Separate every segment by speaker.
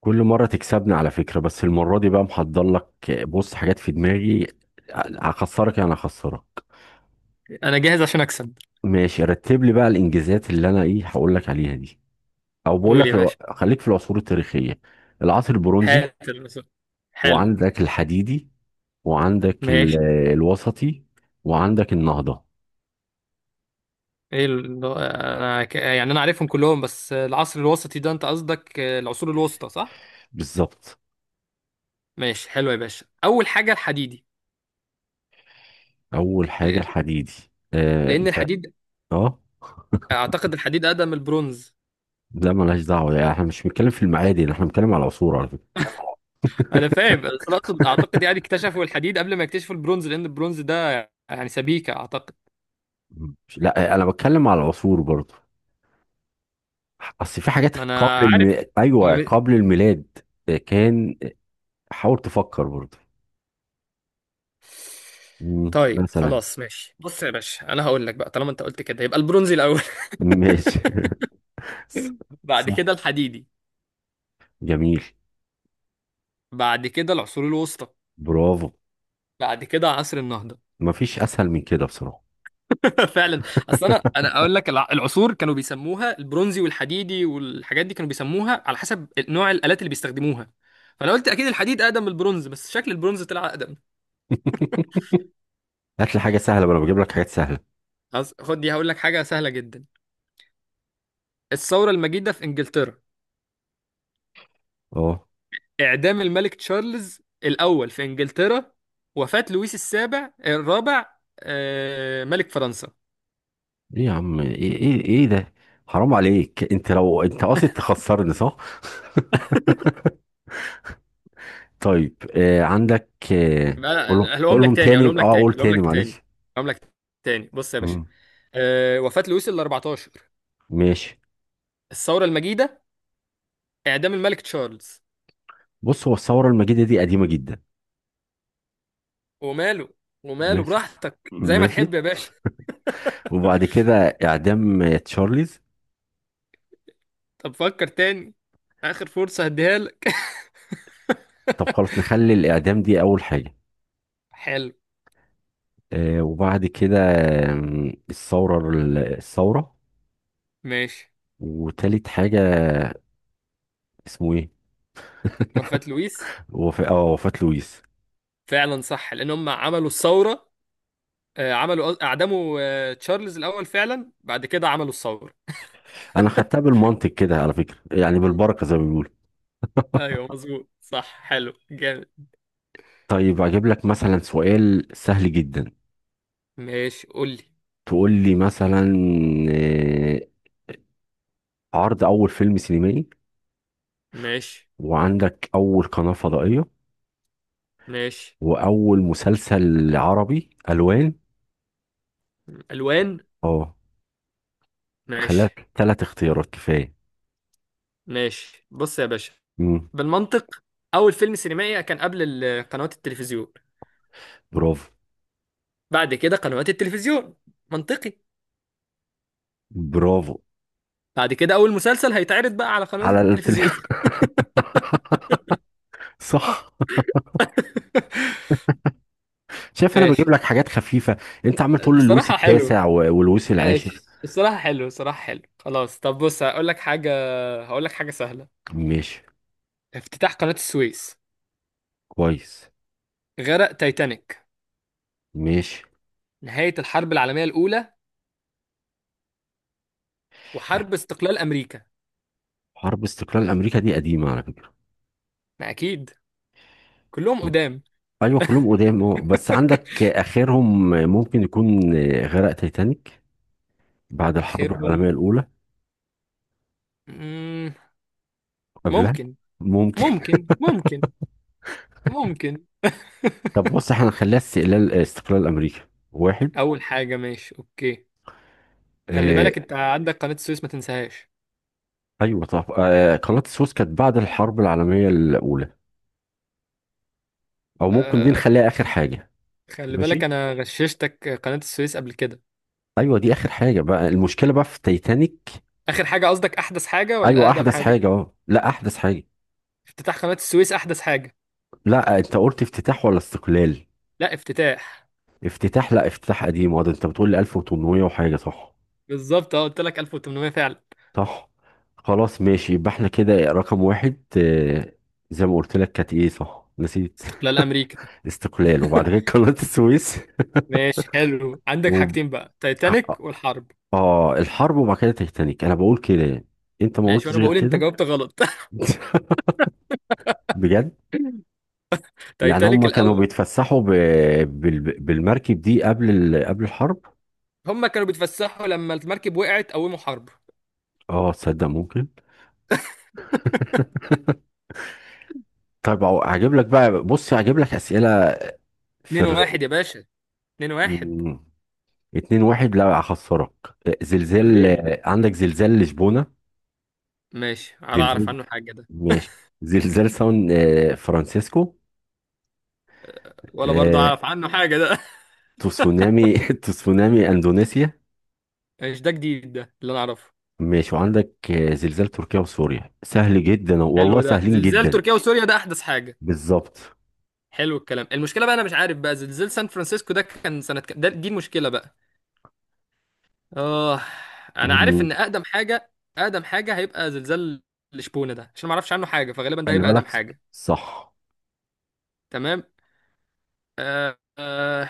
Speaker 1: كل مرة تكسبني على فكرة، بس المرة دي بقى محضر لك. بص، حاجات في دماغي. هخسرك يعني هخسرك.
Speaker 2: انا جاهز عشان اكسب.
Speaker 1: ماشي، رتب لي بقى الانجازات اللي انا ايه هقول لك عليها دي. او بقول
Speaker 2: قول
Speaker 1: لك
Speaker 2: يا باشا.
Speaker 1: خليك في العصور التاريخية. العصر البرونزي.
Speaker 2: هات الرسول. حلو.
Speaker 1: وعندك الحديدي. وعندك ال-
Speaker 2: ماشي.
Speaker 1: آه، الوسطي. وعندك النهضة.
Speaker 2: ايه ال... انا ك... يعني انا عارفهم كلهم، بس العصر الوسطي ده انت قصدك العصور الوسطى صح؟
Speaker 1: بالظبط.
Speaker 2: ماشي حلو يا باشا، اول حاجه الحديدي.
Speaker 1: اول حاجة
Speaker 2: لان
Speaker 1: الحديدي. آه،
Speaker 2: لان
Speaker 1: مش عارف.
Speaker 2: الحديد،
Speaker 1: اه.
Speaker 2: اعتقد الحديد اقدم من البرونز.
Speaker 1: لا، ملهاش دعوة، يعني احنا مش بنتكلم في المعادن، احنا بنتكلم على العصور على فكرة.
Speaker 2: انا فاهم، بس اعتقد يعني اكتشفوا الحديد قبل ما يكتشفوا البرونز، لان البرونز ده يعني سبيكه اعتقد.
Speaker 1: لا، انا بتكلم على العصور برضه. اصل في حاجات
Speaker 2: ما انا عارف. ما
Speaker 1: ايوه،
Speaker 2: بي-
Speaker 1: قبل الميلاد كان. حاول تفكر برضه.
Speaker 2: طيب
Speaker 1: مثلا.
Speaker 2: خلاص ماشي، بص يا باشا، انا هقول لك بقى، طالما انت قلت كده يبقى البرونزي الاول،
Speaker 1: ماشي. ص-
Speaker 2: بعد
Speaker 1: صح.
Speaker 2: كده الحديدي،
Speaker 1: جميل.
Speaker 2: بعد كده العصور الوسطى،
Speaker 1: برافو.
Speaker 2: بعد كده عصر النهضة.
Speaker 1: مفيش اسهل من كده بصراحه.
Speaker 2: فعلا. اصل انا انا اقول لك، العصور كانوا بيسموها البرونزي والحديدي، والحاجات دي كانوا بيسموها على حسب نوع الآلات اللي بيستخدموها. فانا قلت اكيد الحديد اقدم من البرونز، بس شكل البرونز طلع اقدم.
Speaker 1: هات لي حاجه سهله، ما انا بجيب لك حاجات سهله.
Speaker 2: خلاص خد دي، هقول لك حاجة سهلة جدا. الثورة المجيدة في انجلترا،
Speaker 1: اه،
Speaker 2: اعدام الملك تشارلز الاول في انجلترا، وفاة لويس السابع الرابع، ملك فرنسا.
Speaker 1: ايه يا عم، ايه ايه ايه ده؟ حرام عليك، انت لو انت قاصد تخسرني صح. طيب عندك،
Speaker 2: انا هقولهم لك
Speaker 1: قولهم
Speaker 2: تاني،
Speaker 1: تاني،
Speaker 2: هقولهم لك تاني،
Speaker 1: قول
Speaker 2: هقولهم
Speaker 1: تاني،
Speaker 2: لك تاني،
Speaker 1: معلش.
Speaker 2: هقولهم لك تاني. بص يا باشا،
Speaker 1: مم.
Speaker 2: أه وفاة لويس ال 14،
Speaker 1: ماشي.
Speaker 2: الثورة المجيدة، اعدام الملك تشارلز.
Speaker 1: بص، هو الثوره المجيده دي قديمه جدا.
Speaker 2: وماله، وماله
Speaker 1: ماشي.
Speaker 2: براحتك زي ما
Speaker 1: ماشي.
Speaker 2: تحب يا باشا.
Speaker 1: وبعد كده إعدام تشارليز.
Speaker 2: طب فكر تاني، اخر فرصة هديها لك.
Speaker 1: طب خلاص نخلي الإعدام دي أول حاجة.
Speaker 2: حلو.
Speaker 1: وبعد كده الثورة الثورة.
Speaker 2: ماشي،
Speaker 1: وتالت حاجة اسمه إيه؟
Speaker 2: وفاة لويس
Speaker 1: وفاة لويس.
Speaker 2: فعلا صح، لان هم عملوا الثورة، عملوا اعدموا تشارلز الاول فعلا، بعد كده عملوا الثورة.
Speaker 1: أنا خدتها بالمنطق كده على فكرة، يعني بالبركة زي ما بيقولوا.
Speaker 2: ايوه مظبوط صح، حلو جامد.
Speaker 1: طيب أجيب لك مثلا سؤال سهل جدا.
Speaker 2: ماشي قول لي.
Speaker 1: تقول لي مثلا آه، عرض أول فيلم سينمائي.
Speaker 2: ماشي.
Speaker 1: وعندك أول قناة فضائية.
Speaker 2: ماشي.
Speaker 1: وأول مسلسل عربي ألوان.
Speaker 2: الوان.
Speaker 1: اه. خليها
Speaker 2: ماشي.
Speaker 1: ثلاث اختيارات كفاية.
Speaker 2: ماشي بص يا باشا،
Speaker 1: مم.
Speaker 2: بالمنطق، اول فيلم سينمائي كان قبل قنوات التلفزيون،
Speaker 1: برافو.
Speaker 2: بعد كده قنوات التلفزيون، منطقي.
Speaker 1: برافو.
Speaker 2: بعد كده اول مسلسل هيتعرض بقى على قنوات
Speaker 1: على التل...
Speaker 2: التلفزيون.
Speaker 1: صح. شايف انا بجيب
Speaker 2: ماشي
Speaker 1: لك حاجات خفيفة، انت عمال تقول اللويس
Speaker 2: الصراحة حلو.
Speaker 1: التاسع واللويس العاشر.
Speaker 2: ماشي الصراحة حلو، الصراحة حلو، خلاص. طب بص هقول لك حاجة، هقول لك حاجة سهلة.
Speaker 1: ماشي.
Speaker 2: افتتاح قناة السويس،
Speaker 1: كويس.
Speaker 2: غرق تايتانيك،
Speaker 1: ماشي.
Speaker 2: نهاية الحرب العالمية الأولى، وحرب استقلال أمريكا.
Speaker 1: حرب استقلال امريكا دي قديمة على فكرة.
Speaker 2: ما أكيد كلهم قدام.
Speaker 1: ايوه كلهم قدام، اه، بس عندك اخرهم ممكن يكون غرق تايتانيك بعد الحرب
Speaker 2: آخرهم.
Speaker 1: العالمية الاولى.
Speaker 2: مم،
Speaker 1: قبلها
Speaker 2: ممكن.
Speaker 1: ممكن.
Speaker 2: ممكن ممكن. ممكن.
Speaker 1: طب بص، احنا هنخليها استقلال امريكا واحد.
Speaker 2: اول حاجه ماشي اوكي. خلي
Speaker 1: آه،
Speaker 2: بالك انت عندك قناه السويس ما تنساهاش.
Speaker 1: ايوه، طب قناه السويس كانت بعد الحرب العالميه الاولى، او ممكن دي
Speaker 2: أه
Speaker 1: نخليها اخر حاجه.
Speaker 2: خلي بالك
Speaker 1: ماشي.
Speaker 2: انا غششتك قناه السويس قبل كده.
Speaker 1: ايوه دي اخر حاجه بقى، المشكله بقى في تايتانيك.
Speaker 2: اخر حاجه قصدك احدث حاجه ولا
Speaker 1: ايوه
Speaker 2: اقدم
Speaker 1: احدث
Speaker 2: حاجه؟
Speaker 1: حاجه، اه لا احدث حاجه.
Speaker 2: افتتاح قناه السويس احدث حاجه.
Speaker 1: لا انت قلت افتتاح ولا استقلال؟
Speaker 2: لا افتتاح.
Speaker 1: افتتاح. لا، افتتاح قديم، وده انت بتقول لي 1800 وحاجه صح.
Speaker 2: بالظبط، اه قلت لك 1800 فعلا.
Speaker 1: صح. خلاص ماشي، يبقى احنا كده رقم واحد. آه، زي ما قلت لك كانت ايه صح، نسيت.
Speaker 2: استقلال امريكا.
Speaker 1: استقلال وبعد كده قناه السويس
Speaker 2: ماشي حلو، عندك
Speaker 1: و
Speaker 2: حاجتين بقى، تايتانيك والحرب.
Speaker 1: اه الحرب وبعد كده تيتانيك، انا بقول كده يعني. انت ما
Speaker 2: ماشي،
Speaker 1: قلتش
Speaker 2: وانا
Speaker 1: غير
Speaker 2: بقول انت
Speaker 1: كده.
Speaker 2: جاوبت غلط.
Speaker 1: بجد. يعني
Speaker 2: تايتانيك
Speaker 1: هم كانوا
Speaker 2: الاول.
Speaker 1: بيتفسحوا بالمركب دي قبل الحرب.
Speaker 2: هم كانوا بيتفسحوا لما المركب وقعت قوموا حرب.
Speaker 1: اه، تصدق ممكن. طيب أهو هجيب لك بقى، بص هجيب لك اسئله في
Speaker 2: 2
Speaker 1: الرايق.
Speaker 2: 1 يا باشا، 2-1.
Speaker 1: مم. اتنين واحد، لا هخسرك. آه، زلزال
Speaker 2: وريني.
Speaker 1: آه، عندك زلزال لشبونه.
Speaker 2: ماشي، على اعرف
Speaker 1: زلزال.
Speaker 2: عنه حاجه ده؟
Speaker 1: ماشي. زلزال سان فرانسيسكو.
Speaker 2: ولا برضه
Speaker 1: آه،
Speaker 2: اعرف عنه حاجه ده.
Speaker 1: تسونامي تسونامي اندونيسيا.
Speaker 2: مش ده جديد؟ ده اللي انا اعرفه.
Speaker 1: ماشي. وعندك زلزال تركيا وسوريا، سهل جدا والله،
Speaker 2: حلو، ده
Speaker 1: سهلين
Speaker 2: زلزال
Speaker 1: جدا.
Speaker 2: تركيا وسوريا ده احدث حاجه.
Speaker 1: بالظبط.
Speaker 2: حلو الكلام، المشكله بقى انا مش عارف بقى زلزال سان فرانسيسكو ده كان سنه كام، ده دي المشكله بقى. اه. انا عارف
Speaker 1: مم.
Speaker 2: ان اقدم حاجه، اقدم حاجه هيبقى زلزال الشبونه ده، عشان ما اعرفش عنه حاجه فغالبا ده
Speaker 1: خلي
Speaker 2: هيبقى اقدم
Speaker 1: بالك.
Speaker 2: حاجه.
Speaker 1: صح.
Speaker 2: تمام. آه آه.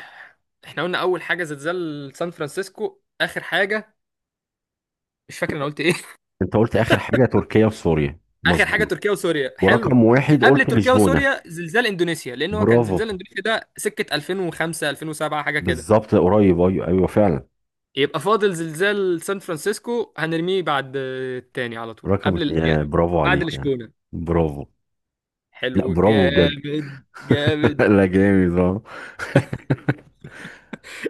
Speaker 2: احنا قلنا اول حاجه زلزال سان فرانسيسكو. اخر حاجه مش فاكر انا قلت ايه.
Speaker 1: انت قلت اخر حاجه تركيا وسوريا،
Speaker 2: اخر حاجه
Speaker 1: مظبوط.
Speaker 2: تركيا وسوريا، حلو.
Speaker 1: ورقم واحد
Speaker 2: قبل
Speaker 1: قلت
Speaker 2: تركيا
Speaker 1: لشبونه.
Speaker 2: وسوريا زلزال اندونيسيا، لان هو كان زلزال
Speaker 1: برافو.
Speaker 2: اندونيسيا ده سكه 2005 2007 حاجه كده.
Speaker 1: بالظبط قريب، ايوه ايوه فعلا.
Speaker 2: يبقى فاضل زلزال سان فرانسيسكو، هنرميه بعد التاني على طول،
Speaker 1: رقم اتنين
Speaker 2: يعني
Speaker 1: برافو
Speaker 2: بعد
Speaker 1: عليك يعني.
Speaker 2: لشبونه.
Speaker 1: برافو. لا،
Speaker 2: حلو
Speaker 1: برافو بجد.
Speaker 2: جامد جامد.
Speaker 1: لا، جامد اه.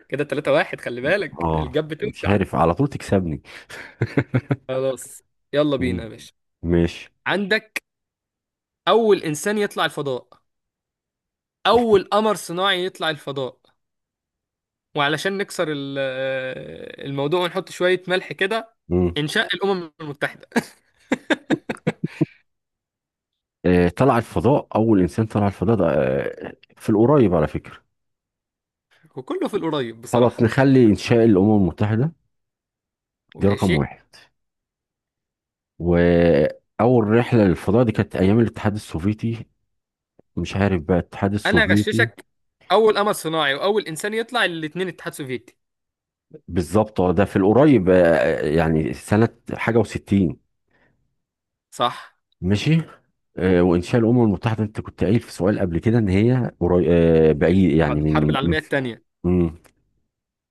Speaker 2: كده 3-1، خلي بالك
Speaker 1: اه،
Speaker 2: الجاب
Speaker 1: مش
Speaker 2: بتوسع.
Speaker 1: عارف، على طول تكسبني.
Speaker 2: خلاص، يلا بينا
Speaker 1: مم.
Speaker 2: يا باشا.
Speaker 1: ماشي.
Speaker 2: عندك اول انسان يطلع الفضاء، اول قمر صناعي يطلع الفضاء، وعلشان نكسر الموضوع ونحط شوية ملح كده
Speaker 1: مم.
Speaker 2: انشاء الامم المتحدة.
Speaker 1: طلع الفضاء، أول إنسان طلع الفضاء ده في القريب على فكرة.
Speaker 2: وكله في القريب
Speaker 1: خلاص
Speaker 2: بصراحة.
Speaker 1: نخلي إنشاء الأمم المتحدة دي رقم
Speaker 2: وماشي.
Speaker 1: واحد. وأول رحلة للفضاء دي كانت أيام الاتحاد السوفيتي، مش عارف بقى الاتحاد
Speaker 2: انا
Speaker 1: السوفيتي.
Speaker 2: هغششك، اول قمر صناعي واول انسان يطلع، الاتنين اتحاد سوفيتي.
Speaker 1: بالظبط. اه ده في القريب، يعني سنة حاجة 60.
Speaker 2: صح.
Speaker 1: ماشي. وإنشاء الأمم المتحدة أنت كنت قايل في سؤال قبل كده إن هي قريب بعيد، يعني
Speaker 2: بعد الحرب العالمية التانية،
Speaker 1: مم.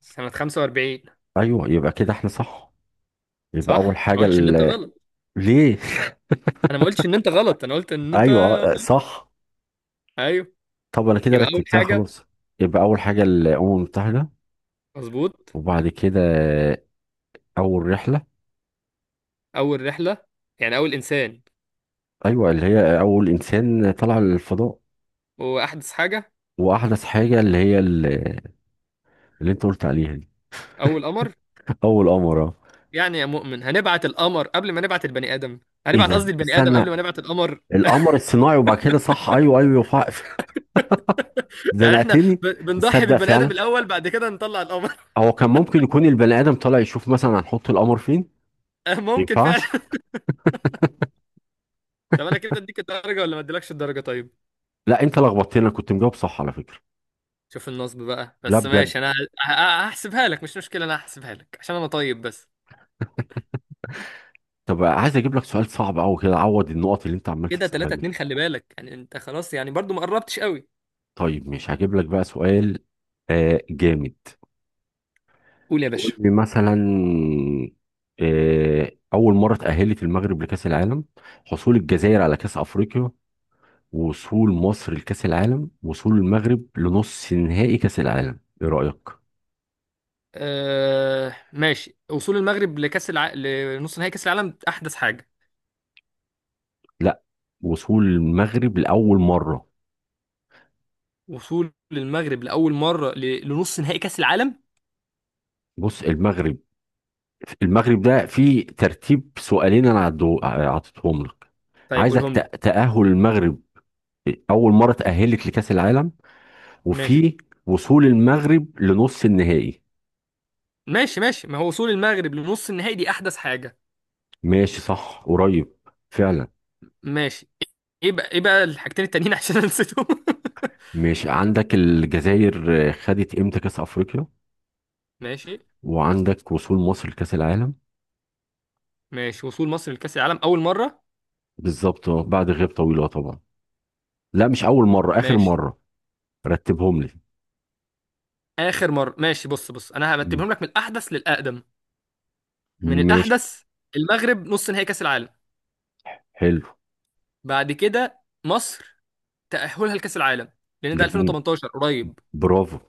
Speaker 2: سنة 45.
Speaker 1: أيوه، يبقى كده إحنا صح. يبقى أول
Speaker 2: صح. انا ما
Speaker 1: حاجة
Speaker 2: قلتش ان انت غلط،
Speaker 1: ليه؟
Speaker 2: انا ما قلتش ان انت غلط، انا قلت ان انت.
Speaker 1: ايوه صح.
Speaker 2: ايوه.
Speaker 1: طب انا كده
Speaker 2: يبقى اول
Speaker 1: رتبتها
Speaker 2: حاجة.
Speaker 1: خلاص. يبقى اول حاجه الامم المتحده.
Speaker 2: مظبوط.
Speaker 1: وبعد كده اول رحله.
Speaker 2: اول رحلة، يعني اول انسان.
Speaker 1: ايوه اللي هي اول انسان طلع للفضاء.
Speaker 2: واحدث حاجة.
Speaker 1: واحدث حاجه اللي هي اللي انت قلت عليها دي.
Speaker 2: اول قمر.
Speaker 1: اول قمر اه.
Speaker 2: يعني يا مؤمن هنبعت القمر قبل ما نبعت البني آدم،
Speaker 1: ايه
Speaker 2: هنبعت
Speaker 1: ده،
Speaker 2: قصدي البني آدم
Speaker 1: استنى.
Speaker 2: قبل ما نبعت القمر.
Speaker 1: القمر الصناعي، وبعد كده، صح ايوه ايوه
Speaker 2: يعني احنا
Speaker 1: زنقتني.
Speaker 2: بنضحي
Speaker 1: تصدق
Speaker 2: بالبني
Speaker 1: فعلا.
Speaker 2: آدم الأول بعد كده نطلع القمر.
Speaker 1: هو كان ممكن يكون البني ادم طالع يشوف مثلا هنحط القمر فين. ما
Speaker 2: ممكن فعلا.
Speaker 1: ينفعش.
Speaker 2: طب انا كده اديك الدرجة ولا ما اديلكش الدرجة طيب؟
Speaker 1: لا، انت لخبطتني، انا كنت مجاوب صح على فكره.
Speaker 2: شوف النصب بقى،
Speaker 1: لا
Speaker 2: بس ماشي،
Speaker 1: بجد.
Speaker 2: انا هحسبها لك، مش مشكلة انا هحسبها لك عشان انا طيب بس.
Speaker 1: طب عايز اجيب لك سؤال صعب قوي كده عوض النقط اللي انت عمال
Speaker 2: كده
Speaker 1: تكسبها
Speaker 2: 3
Speaker 1: دي.
Speaker 2: 2 خلي بالك يعني انت خلاص، يعني برضو ما قربتش قوي.
Speaker 1: طيب مش هجيب لك بقى سؤال جامد.
Speaker 2: قول يا
Speaker 1: قول
Speaker 2: باشا.
Speaker 1: لي مثلا أول مرة تأهلت المغرب لكأس العالم. حصول الجزائر على كأس أفريقيا. وصول مصر لكأس العالم. وصول المغرب لنص نهائي كأس العالم، إيه رأيك؟
Speaker 2: آه ماشي، وصول المغرب لنص نهائي كأس العالم أحدث حاجة.
Speaker 1: لا، وصول المغرب لأول مرة.
Speaker 2: وصول المغرب لأول مرة لنص نهائي كأس العالم.
Speaker 1: بص المغرب، المغرب ده فيه ترتيب سؤالين أنا عطيتهم لك.
Speaker 2: طيب
Speaker 1: عايزك
Speaker 2: قولهم لي.
Speaker 1: تأهل المغرب أول مرة تأهلت لكأس العالم.
Speaker 2: ماشي.
Speaker 1: وفي وصول المغرب لنص النهائي.
Speaker 2: ماشي. ماشي، ما هو وصول المغرب لنص النهائي دي احدث حاجه.
Speaker 1: ماشي صح قريب فعلا.
Speaker 2: ماشي. ايه بقى، ايه بقى الحاجتين التانيين عشان انا نسيتهم.
Speaker 1: ماشي عندك الجزائر خدت امتى كاس افريقيا؟
Speaker 2: ماشي.
Speaker 1: وعندك وصول مصر لكاس العالم.
Speaker 2: ماشي، وصول مصر لكأس العالم اول مره.
Speaker 1: بالظبط. بعد غياب طويله طبعا. لا مش اول مره، اخر
Speaker 2: ماشي.
Speaker 1: مره. رتبهم لي.
Speaker 2: اخر مره ماشي، بص بص انا
Speaker 1: مم.
Speaker 2: هرتبهم لك من الاحدث للاقدم، من
Speaker 1: ماشي.
Speaker 2: الاحدث. المغرب نص نهائي كأس العالم،
Speaker 1: حلو.
Speaker 2: بعد كده مصر تأهلها لكأس العالم، لان ده
Speaker 1: جميل.
Speaker 2: 2018 قريب.
Speaker 1: برافو.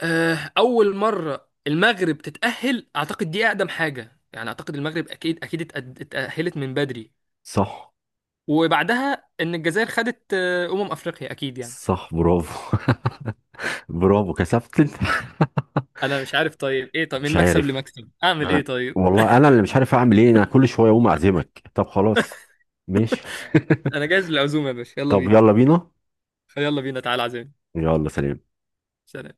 Speaker 2: اول مره المغرب تتاهل اعتقد دي اقدم حاجه، يعني اعتقد المغرب اكيد اكيد اتاهلت من بدري.
Speaker 1: صح.
Speaker 2: وبعدها ان الجزائر خدت افريقيا اكيد يعني.
Speaker 1: صح. برافو. برافو، كسبت انت.
Speaker 2: انا مش عارف طيب، ايه طب
Speaker 1: مش
Speaker 2: من مكسب
Speaker 1: عارف.
Speaker 2: لمكسب اعمل
Speaker 1: أنا-
Speaker 2: ايه طيب؟
Speaker 1: والله انا اللي مش عارف اعمل ايه، انا كل شويه اقوم اعزمك، طب خلاص. ماشي.
Speaker 2: انا جاهز للعزومه يا باشا، يلا
Speaker 1: طب
Speaker 2: بينا.
Speaker 1: يلا بينا.
Speaker 2: يلا بينا تعالى عزيمه.
Speaker 1: يلا، سلام.
Speaker 2: سلام.